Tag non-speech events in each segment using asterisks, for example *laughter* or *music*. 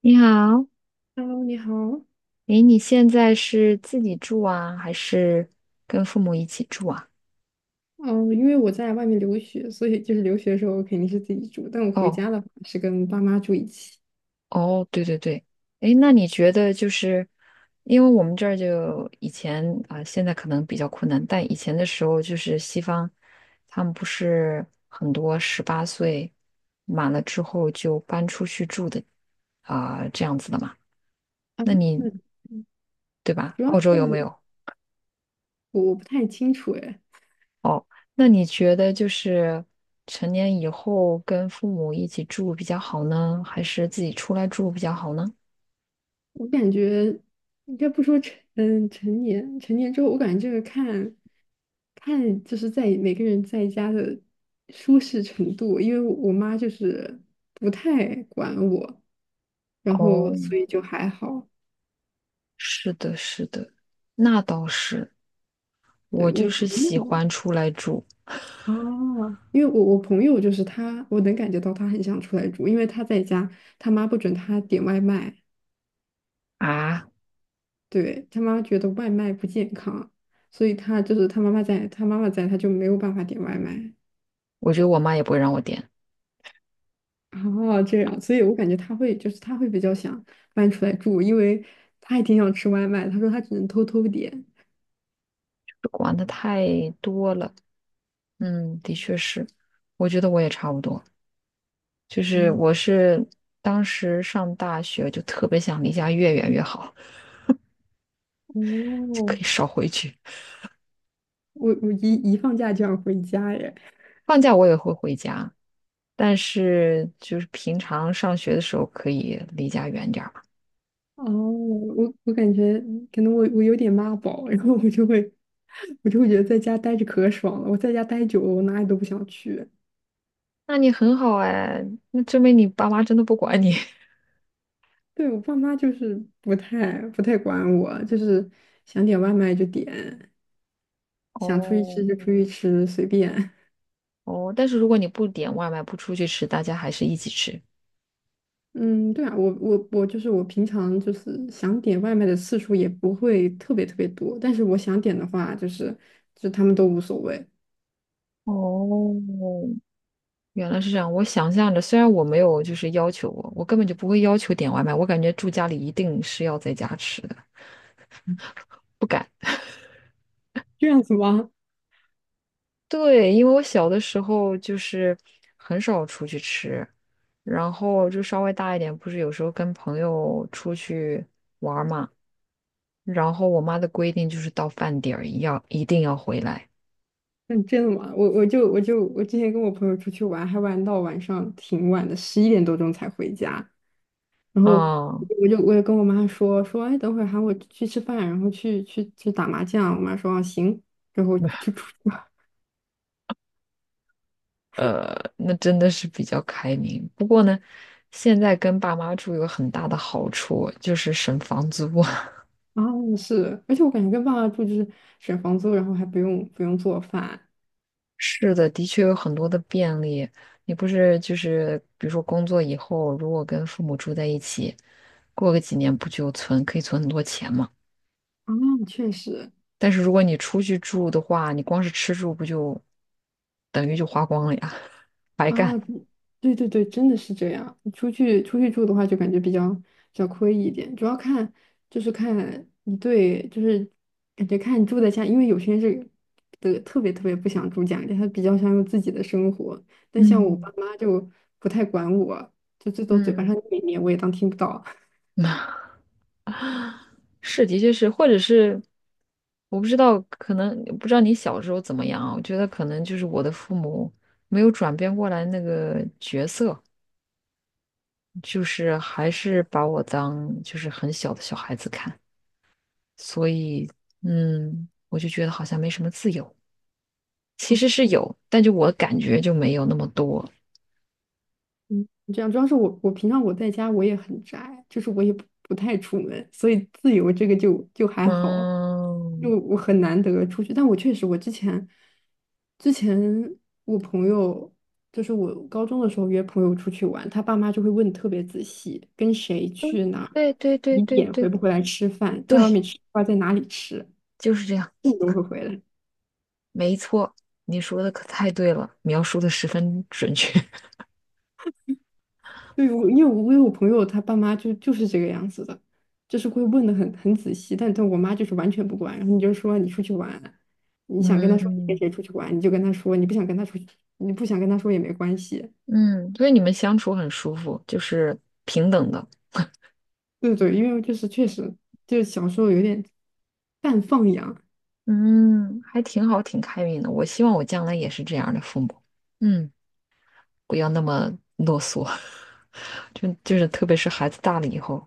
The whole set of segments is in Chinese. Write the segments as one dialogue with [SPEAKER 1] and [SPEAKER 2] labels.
[SPEAKER 1] 你好，
[SPEAKER 2] Hello，你好。
[SPEAKER 1] 诶，你现在是自己住啊，还是跟父母一起住啊？
[SPEAKER 2] 嗯，因为我在外面留学，所以就是留学的时候我肯定是自己住，但我回
[SPEAKER 1] 哦，
[SPEAKER 2] 家的话是跟爸妈住一起。
[SPEAKER 1] 哦，对对对，诶，那你觉得就是，因为我们这儿就以前啊、现在可能比较困难，但以前的时候就是西方，他们不是很多十八岁满了之后就搬出去住的啊、这样子的嘛？
[SPEAKER 2] 啊，
[SPEAKER 1] 那你对吧？
[SPEAKER 2] 主要
[SPEAKER 1] 澳洲有没
[SPEAKER 2] 是
[SPEAKER 1] 有？
[SPEAKER 2] 我不太清楚哎。
[SPEAKER 1] 哦，那你觉得就是成年以后跟父母一起住比较好呢，还是自己出来住比较好呢？
[SPEAKER 2] 我感觉应该不说成成年之后，我感觉这个看看就是在每个人在家的舒适程度，因为我妈就是不太管我，然后
[SPEAKER 1] 哦，
[SPEAKER 2] 所以就还好。
[SPEAKER 1] 是的，是的，那倒是，
[SPEAKER 2] 对，
[SPEAKER 1] 我
[SPEAKER 2] 我
[SPEAKER 1] 就是
[SPEAKER 2] 朋
[SPEAKER 1] 喜
[SPEAKER 2] 友。
[SPEAKER 1] 欢出来住
[SPEAKER 2] 哦，因为我朋友就是他，我能感觉到他很想出来住，因为他在家，他妈不准他点外卖。
[SPEAKER 1] 啊，
[SPEAKER 2] 对，他妈觉得外卖不健康，所以他就是他妈妈在，他妈妈在，他就没有办法点外卖。
[SPEAKER 1] 我觉得我妈也不会让我点，
[SPEAKER 2] 哦，这样，所以我感觉他会比较想搬出来住，因为他也挺想吃外卖，他说他只能偷偷点。
[SPEAKER 1] 管的太多了。嗯，的确是，我觉得我也差不多，就是
[SPEAKER 2] 哦，
[SPEAKER 1] 我是当时上大学就特别想离家越远越好，就
[SPEAKER 2] 哦，
[SPEAKER 1] 可以少回去。
[SPEAKER 2] 我一放假就想回家耶。
[SPEAKER 1] 放假我也会回家，但是就是平常上学的时候可以离家远点儿嘛。
[SPEAKER 2] 哦，我感觉可能我有点妈宝，然后我就会觉得在家待着可爽了。我在家待久了，我哪里都不想去。
[SPEAKER 1] 那你很好哎，那证明你爸妈真的不管你。
[SPEAKER 2] 对，我爸妈就是不太管我，就是想点外卖就点，
[SPEAKER 1] *laughs* 哦
[SPEAKER 2] 想出去吃就出去吃，随便。
[SPEAKER 1] 哦，但是如果你不点外卖，不出去吃，大家还是一起吃。
[SPEAKER 2] 嗯，对啊，我就是我平常就是想点外卖的次数也不会特别特别多，但是我想点的话，就是就他们都无所谓。
[SPEAKER 1] 哦，原来是这样。我想象着，虽然我没有就是要求我，我根本就不会要求点外卖，我感觉住家里一定是要在家吃的，不敢。
[SPEAKER 2] 这样子吗？
[SPEAKER 1] 对，因为我小的时候就是很少出去吃，然后就稍微大一点，不是有时候跟朋友出去玩儿嘛，然后我妈的规定就是到饭点儿一定要回来，
[SPEAKER 2] 嗯，真的吗？我之前跟我朋友出去玩，还玩到晚上挺晚的，十一点多钟才回家。然后
[SPEAKER 1] 嗯，
[SPEAKER 2] 我也跟我妈说说，哎，等会儿喊我去吃饭，然后去打麻将。我妈说啊行，然后就出去了。*laughs*
[SPEAKER 1] 那真的是比较开明。不过呢，现在跟爸妈住有很大的好处，就是省房租。*laughs*
[SPEAKER 2] 啊，是，而且我感觉跟爸爸住就是省房租，然后还不用做饭。
[SPEAKER 1] 是的，的确有很多的便利。你不是就是，比如说工作以后，如果跟父母住在一起，过个几年不就存，可以存很多钱嘛？
[SPEAKER 2] 啊，确实。
[SPEAKER 1] 但是如果你出去住的话，你光是吃住不就等于就花光了呀，*laughs* 白
[SPEAKER 2] 啊，
[SPEAKER 1] 干。
[SPEAKER 2] 嗯对对对，真的是这样。出去住的话，就感觉比较亏一点，主要看就是看你对，就是感觉看你住在家，因为有些人是的特别特别不想住家里，他比较想有自己的生活。但像我爸
[SPEAKER 1] 嗯
[SPEAKER 2] 妈就不太管我，就最多嘴巴
[SPEAKER 1] 嗯，
[SPEAKER 2] 上念一念，我也当听不到。
[SPEAKER 1] *laughs* 那是，的确是，或者是我不知道，可能不知道你小时候怎么样啊？我觉得可能就是我的父母没有转变过来那个角色。就是还是把我当就是很小的小孩子看，所以我就觉得好像没什么自由，其实是有，但就我感觉就没有那么多。
[SPEAKER 2] 嗯，这样主要是我平常我在家我也很宅，就是我也不太出门，所以自由这个就还好，就
[SPEAKER 1] 嗯，
[SPEAKER 2] 我很难得出去。但我确实，我之前我朋友就是我高中的时候约朋友出去玩，他爸妈就会问特别仔细，跟谁去哪儿
[SPEAKER 1] 对对对
[SPEAKER 2] 几
[SPEAKER 1] 对
[SPEAKER 2] 点回
[SPEAKER 1] 对
[SPEAKER 2] 不回来吃饭，在外
[SPEAKER 1] 对，
[SPEAKER 2] 面吃饭在哪里吃，
[SPEAKER 1] 就是这样，
[SPEAKER 2] 这种会回来。
[SPEAKER 1] 没错，你说的可太对了，描述的十分准确。*laughs*
[SPEAKER 2] 对，我因为我有朋友，他爸妈就是这个样子的，就是会问的很仔细，但我妈就是完全不管。然后你就说你出去玩，你想跟他说你跟
[SPEAKER 1] 嗯
[SPEAKER 2] 谁出去玩，你就跟他说，你不想跟他出去，你不想跟他说也没关系。
[SPEAKER 1] 嗯，所以你们相处很舒服，就是平等的，
[SPEAKER 2] 对对，因为就是确实就是小时候有点半放养。
[SPEAKER 1] 嗯，还挺好，挺开明的。我希望我将来也是这样的父母。嗯。不要那么啰嗦，*laughs* 就是特别是孩子大了以后，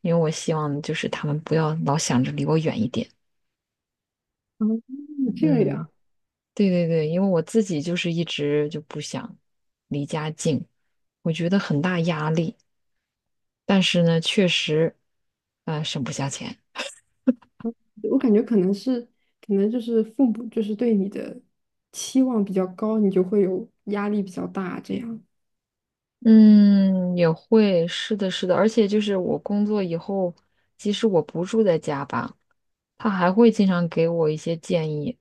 [SPEAKER 1] 因为我希望就是他们不要老想着离我远一点。
[SPEAKER 2] 然后这
[SPEAKER 1] 嗯，
[SPEAKER 2] 样，
[SPEAKER 1] 对对对，因为我自己就是一直就不想离家近，我觉得很大压力，但是呢，确实，省不下钱。
[SPEAKER 2] 我感觉可能是可能就是父母就是对你的期望比较高，你就会有压力比较大这样。
[SPEAKER 1] 嗯，也会，是的，是的，而且就是我工作以后，即使我不住在家吧，他还会经常给我一些建议，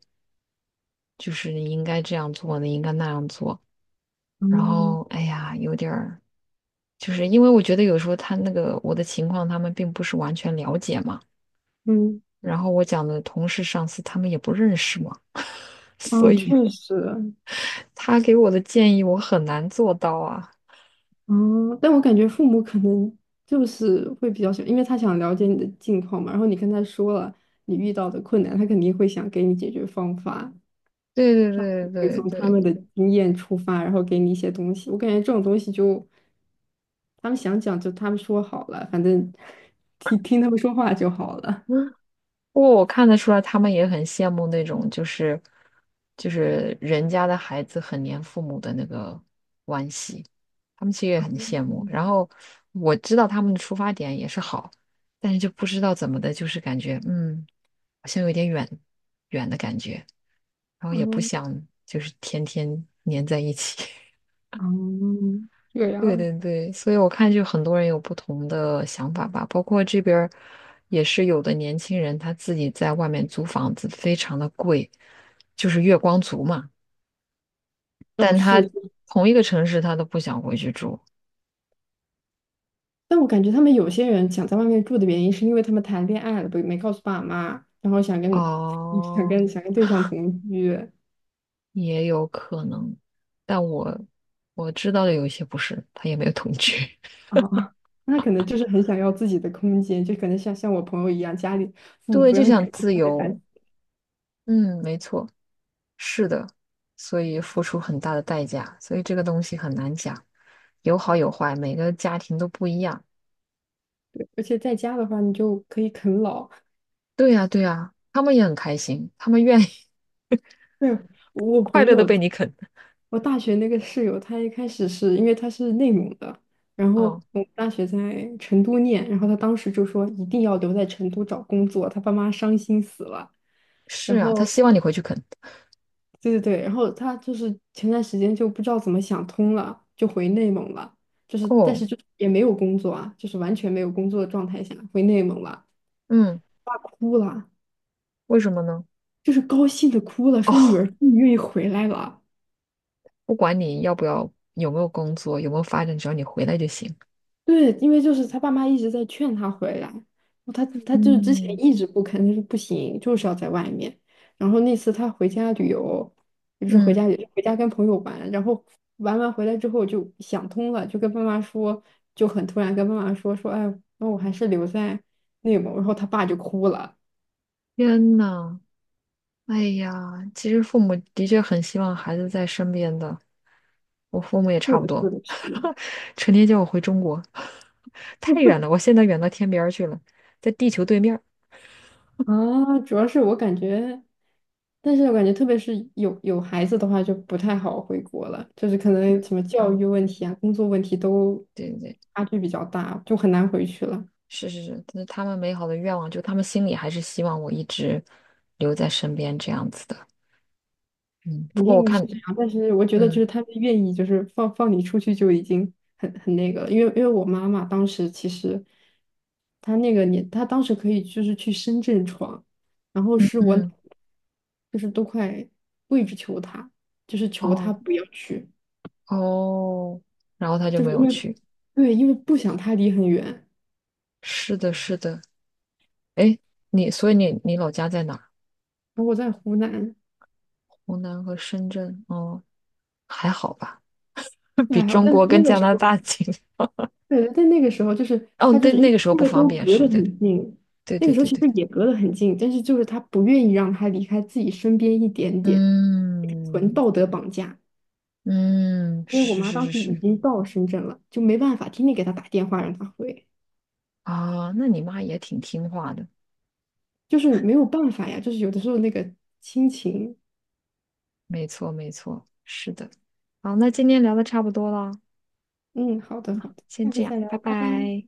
[SPEAKER 1] 就是你应该这样做，你应该那样做。然
[SPEAKER 2] 嗯
[SPEAKER 1] 后哎呀，有点儿，就是因为我觉得有时候他那个我的情况，他们并不是完全了解嘛。
[SPEAKER 2] 嗯，
[SPEAKER 1] 然后我讲的同事、上司，他们也不认识嘛，*laughs* 所
[SPEAKER 2] 哦，确
[SPEAKER 1] 以
[SPEAKER 2] 实，
[SPEAKER 1] 他给我的建议我很难做到啊。
[SPEAKER 2] 嗯，但我感觉父母可能就是会比较喜欢，因为他想了解你的近况嘛，然后你跟他说了你遇到的困难，他肯定会想给你解决方法，
[SPEAKER 1] 对对
[SPEAKER 2] 会
[SPEAKER 1] 对对
[SPEAKER 2] 从他
[SPEAKER 1] 对，
[SPEAKER 2] 们的经验出发，然后给你一些东西。我感觉这种东西就他们想讲就他们说好了，反正 *laughs* 听听他们说话就好了。
[SPEAKER 1] 不过我看得出来，他们也很羡慕那种，就是人家的孩子很黏父母的那个关系，他们其实也很羡慕。
[SPEAKER 2] 嗯，
[SPEAKER 1] 然后我知道他们的出发点也是好，但是就不知道怎么的，就是感觉好像有点远远的感觉，然后也不
[SPEAKER 2] 嗯
[SPEAKER 1] 想就是天天黏在一起。
[SPEAKER 2] 嗯，这
[SPEAKER 1] 对
[SPEAKER 2] 样。
[SPEAKER 1] 对对，所以我看就很多人有不同的想法吧，包括这边儿也是有的年轻人他自己在外面租房子非常的贵，就是月光族嘛，
[SPEAKER 2] 哦，
[SPEAKER 1] 但他
[SPEAKER 2] 是。
[SPEAKER 1] 同一个城市他都不想回去住。
[SPEAKER 2] 但我感觉他们有些人想在外面住的原因，是因为他们谈恋爱了，不没告诉爸妈，然后想跟 *laughs* 想
[SPEAKER 1] 哦，
[SPEAKER 2] 跟想跟对象同居。
[SPEAKER 1] 也有可能，但我知道的有一些不是，他也没有同居，
[SPEAKER 2] 啊，*laughs* 那可能就是很想要自己的空间，就可能像我朋友一样，家里
[SPEAKER 1] *laughs*
[SPEAKER 2] 父母
[SPEAKER 1] 对，
[SPEAKER 2] 不
[SPEAKER 1] 就
[SPEAKER 2] 让
[SPEAKER 1] 想
[SPEAKER 2] 点
[SPEAKER 1] 自
[SPEAKER 2] 外卖，烦死。
[SPEAKER 1] 由。嗯，没错。是的，所以付出很大的代价，所以这个东西很难讲，有好有坏，每个家庭都不一样。
[SPEAKER 2] 对，而且在家的话，你就可以啃老。
[SPEAKER 1] 对呀，对呀，他们也很开心，他们愿意 *laughs*
[SPEAKER 2] 对，我
[SPEAKER 1] 快
[SPEAKER 2] 朋
[SPEAKER 1] 乐的
[SPEAKER 2] 友，
[SPEAKER 1] 被你啃。
[SPEAKER 2] 我大学那个室友，他一开始是因为他是内蒙的，然后
[SPEAKER 1] 哦，
[SPEAKER 2] 我们大学在成都念，然后他当时就说一定要留在成都找工作，他爸妈伤心死了。
[SPEAKER 1] 是
[SPEAKER 2] 然
[SPEAKER 1] 啊，他
[SPEAKER 2] 后
[SPEAKER 1] 希望你回去啃。
[SPEAKER 2] 对对对，然后他就是前段时间就不知道怎么想通了，就回内蒙了，就是但
[SPEAKER 1] 哦，
[SPEAKER 2] 是就也没有工作啊，就是完全没有工作的状态下回内蒙了。
[SPEAKER 1] 嗯，
[SPEAKER 2] 爸哭了，
[SPEAKER 1] 为什么呢？
[SPEAKER 2] 就是高兴的哭了，说女
[SPEAKER 1] 哦，
[SPEAKER 2] 儿终于愿意回来了。
[SPEAKER 1] 不管你要不要，有没有工作，有没有发展，只要你回来就行。
[SPEAKER 2] 对，因为就是他爸妈一直在劝他回来，他就是之前
[SPEAKER 1] 嗯
[SPEAKER 2] 一直不肯，就是不行，就是要在外面。然后那次他回家旅游，也不是回
[SPEAKER 1] 嗯，
[SPEAKER 2] 家旅游，回家跟朋友玩，然后玩完回来之后就想通了，就跟爸妈说，就很突然跟爸妈说说，哎，那我还是留在内蒙。然后他爸就哭了。
[SPEAKER 1] 天呐，哎呀，其实父母的确很希望孩子在身边的，我父母也
[SPEAKER 2] 是
[SPEAKER 1] 差不
[SPEAKER 2] 的
[SPEAKER 1] 多，
[SPEAKER 2] 是的是的。
[SPEAKER 1] *laughs* 成天叫我回中国，*laughs* 太远了，我现在远到天边儿去了，在地球对面儿
[SPEAKER 2] 啊，主要是我感觉，但是我感觉特别是有孩子的话，就不太好回国了，就是可能
[SPEAKER 1] 嗯
[SPEAKER 2] 什么教
[SPEAKER 1] 嗯，
[SPEAKER 2] 育问题啊、工作问题都
[SPEAKER 1] 对对对，
[SPEAKER 2] 差距比较大，就很难回去了。
[SPEAKER 1] 是是是，但是他们美好的愿望，就他们心里还是希望我一直留在身边这样子的。嗯，不
[SPEAKER 2] 肯
[SPEAKER 1] 过我
[SPEAKER 2] 定是
[SPEAKER 1] 看，
[SPEAKER 2] 这样，但是我觉得就
[SPEAKER 1] 嗯
[SPEAKER 2] 是他们愿意就是放放你出去就已经很那个了，因为我妈妈当时其实她那个年，她当时可以就是去深圳闯，然后是我奶
[SPEAKER 1] 嗯，
[SPEAKER 2] 奶就是都快跪着求她，就是求她
[SPEAKER 1] 哦
[SPEAKER 2] 不要去。
[SPEAKER 1] 哦，然后他就
[SPEAKER 2] 就
[SPEAKER 1] 没
[SPEAKER 2] 是因
[SPEAKER 1] 有
[SPEAKER 2] 为，
[SPEAKER 1] 去。
[SPEAKER 2] 对，因为不想他离很远。
[SPEAKER 1] 是的，是的，哎，你，所以你老家在哪
[SPEAKER 2] 然后我在湖南，
[SPEAKER 1] 湖南和深圳，哦，还好吧，*laughs*
[SPEAKER 2] 这
[SPEAKER 1] 比
[SPEAKER 2] 还好，
[SPEAKER 1] 中
[SPEAKER 2] 但
[SPEAKER 1] 国跟
[SPEAKER 2] 那个
[SPEAKER 1] 加
[SPEAKER 2] 时
[SPEAKER 1] 拿大
[SPEAKER 2] 候，
[SPEAKER 1] 近。
[SPEAKER 2] 对，但那个时候就是
[SPEAKER 1] 哦，
[SPEAKER 2] 他就
[SPEAKER 1] 对，
[SPEAKER 2] 是因
[SPEAKER 1] 那个
[SPEAKER 2] 为
[SPEAKER 1] 时候不方
[SPEAKER 2] 都
[SPEAKER 1] 便，
[SPEAKER 2] 隔
[SPEAKER 1] 是
[SPEAKER 2] 得
[SPEAKER 1] 对，
[SPEAKER 2] 很近，
[SPEAKER 1] 对
[SPEAKER 2] 那个
[SPEAKER 1] 对
[SPEAKER 2] 时候
[SPEAKER 1] 对
[SPEAKER 2] 其实
[SPEAKER 1] 对对，
[SPEAKER 2] 也隔得很近，但是就是他不愿意让他离开自己身边一点点，纯
[SPEAKER 1] 嗯
[SPEAKER 2] 道德绑架。
[SPEAKER 1] 嗯，
[SPEAKER 2] 因为我
[SPEAKER 1] 是
[SPEAKER 2] 妈
[SPEAKER 1] 是
[SPEAKER 2] 当
[SPEAKER 1] 是
[SPEAKER 2] 时已
[SPEAKER 1] 是，
[SPEAKER 2] 经到深圳了，就没办法，天天给他打电话让他回，
[SPEAKER 1] 啊，那你妈也挺听话的，
[SPEAKER 2] 就是没有办法呀，就是有的时候那个亲情。
[SPEAKER 1] 没错没错，是的。好，那今天聊的差不多了，
[SPEAKER 2] 嗯，好的好的，
[SPEAKER 1] 先
[SPEAKER 2] 下
[SPEAKER 1] 这
[SPEAKER 2] 次
[SPEAKER 1] 样，
[SPEAKER 2] 再
[SPEAKER 1] 拜
[SPEAKER 2] 聊，拜拜。
[SPEAKER 1] 拜。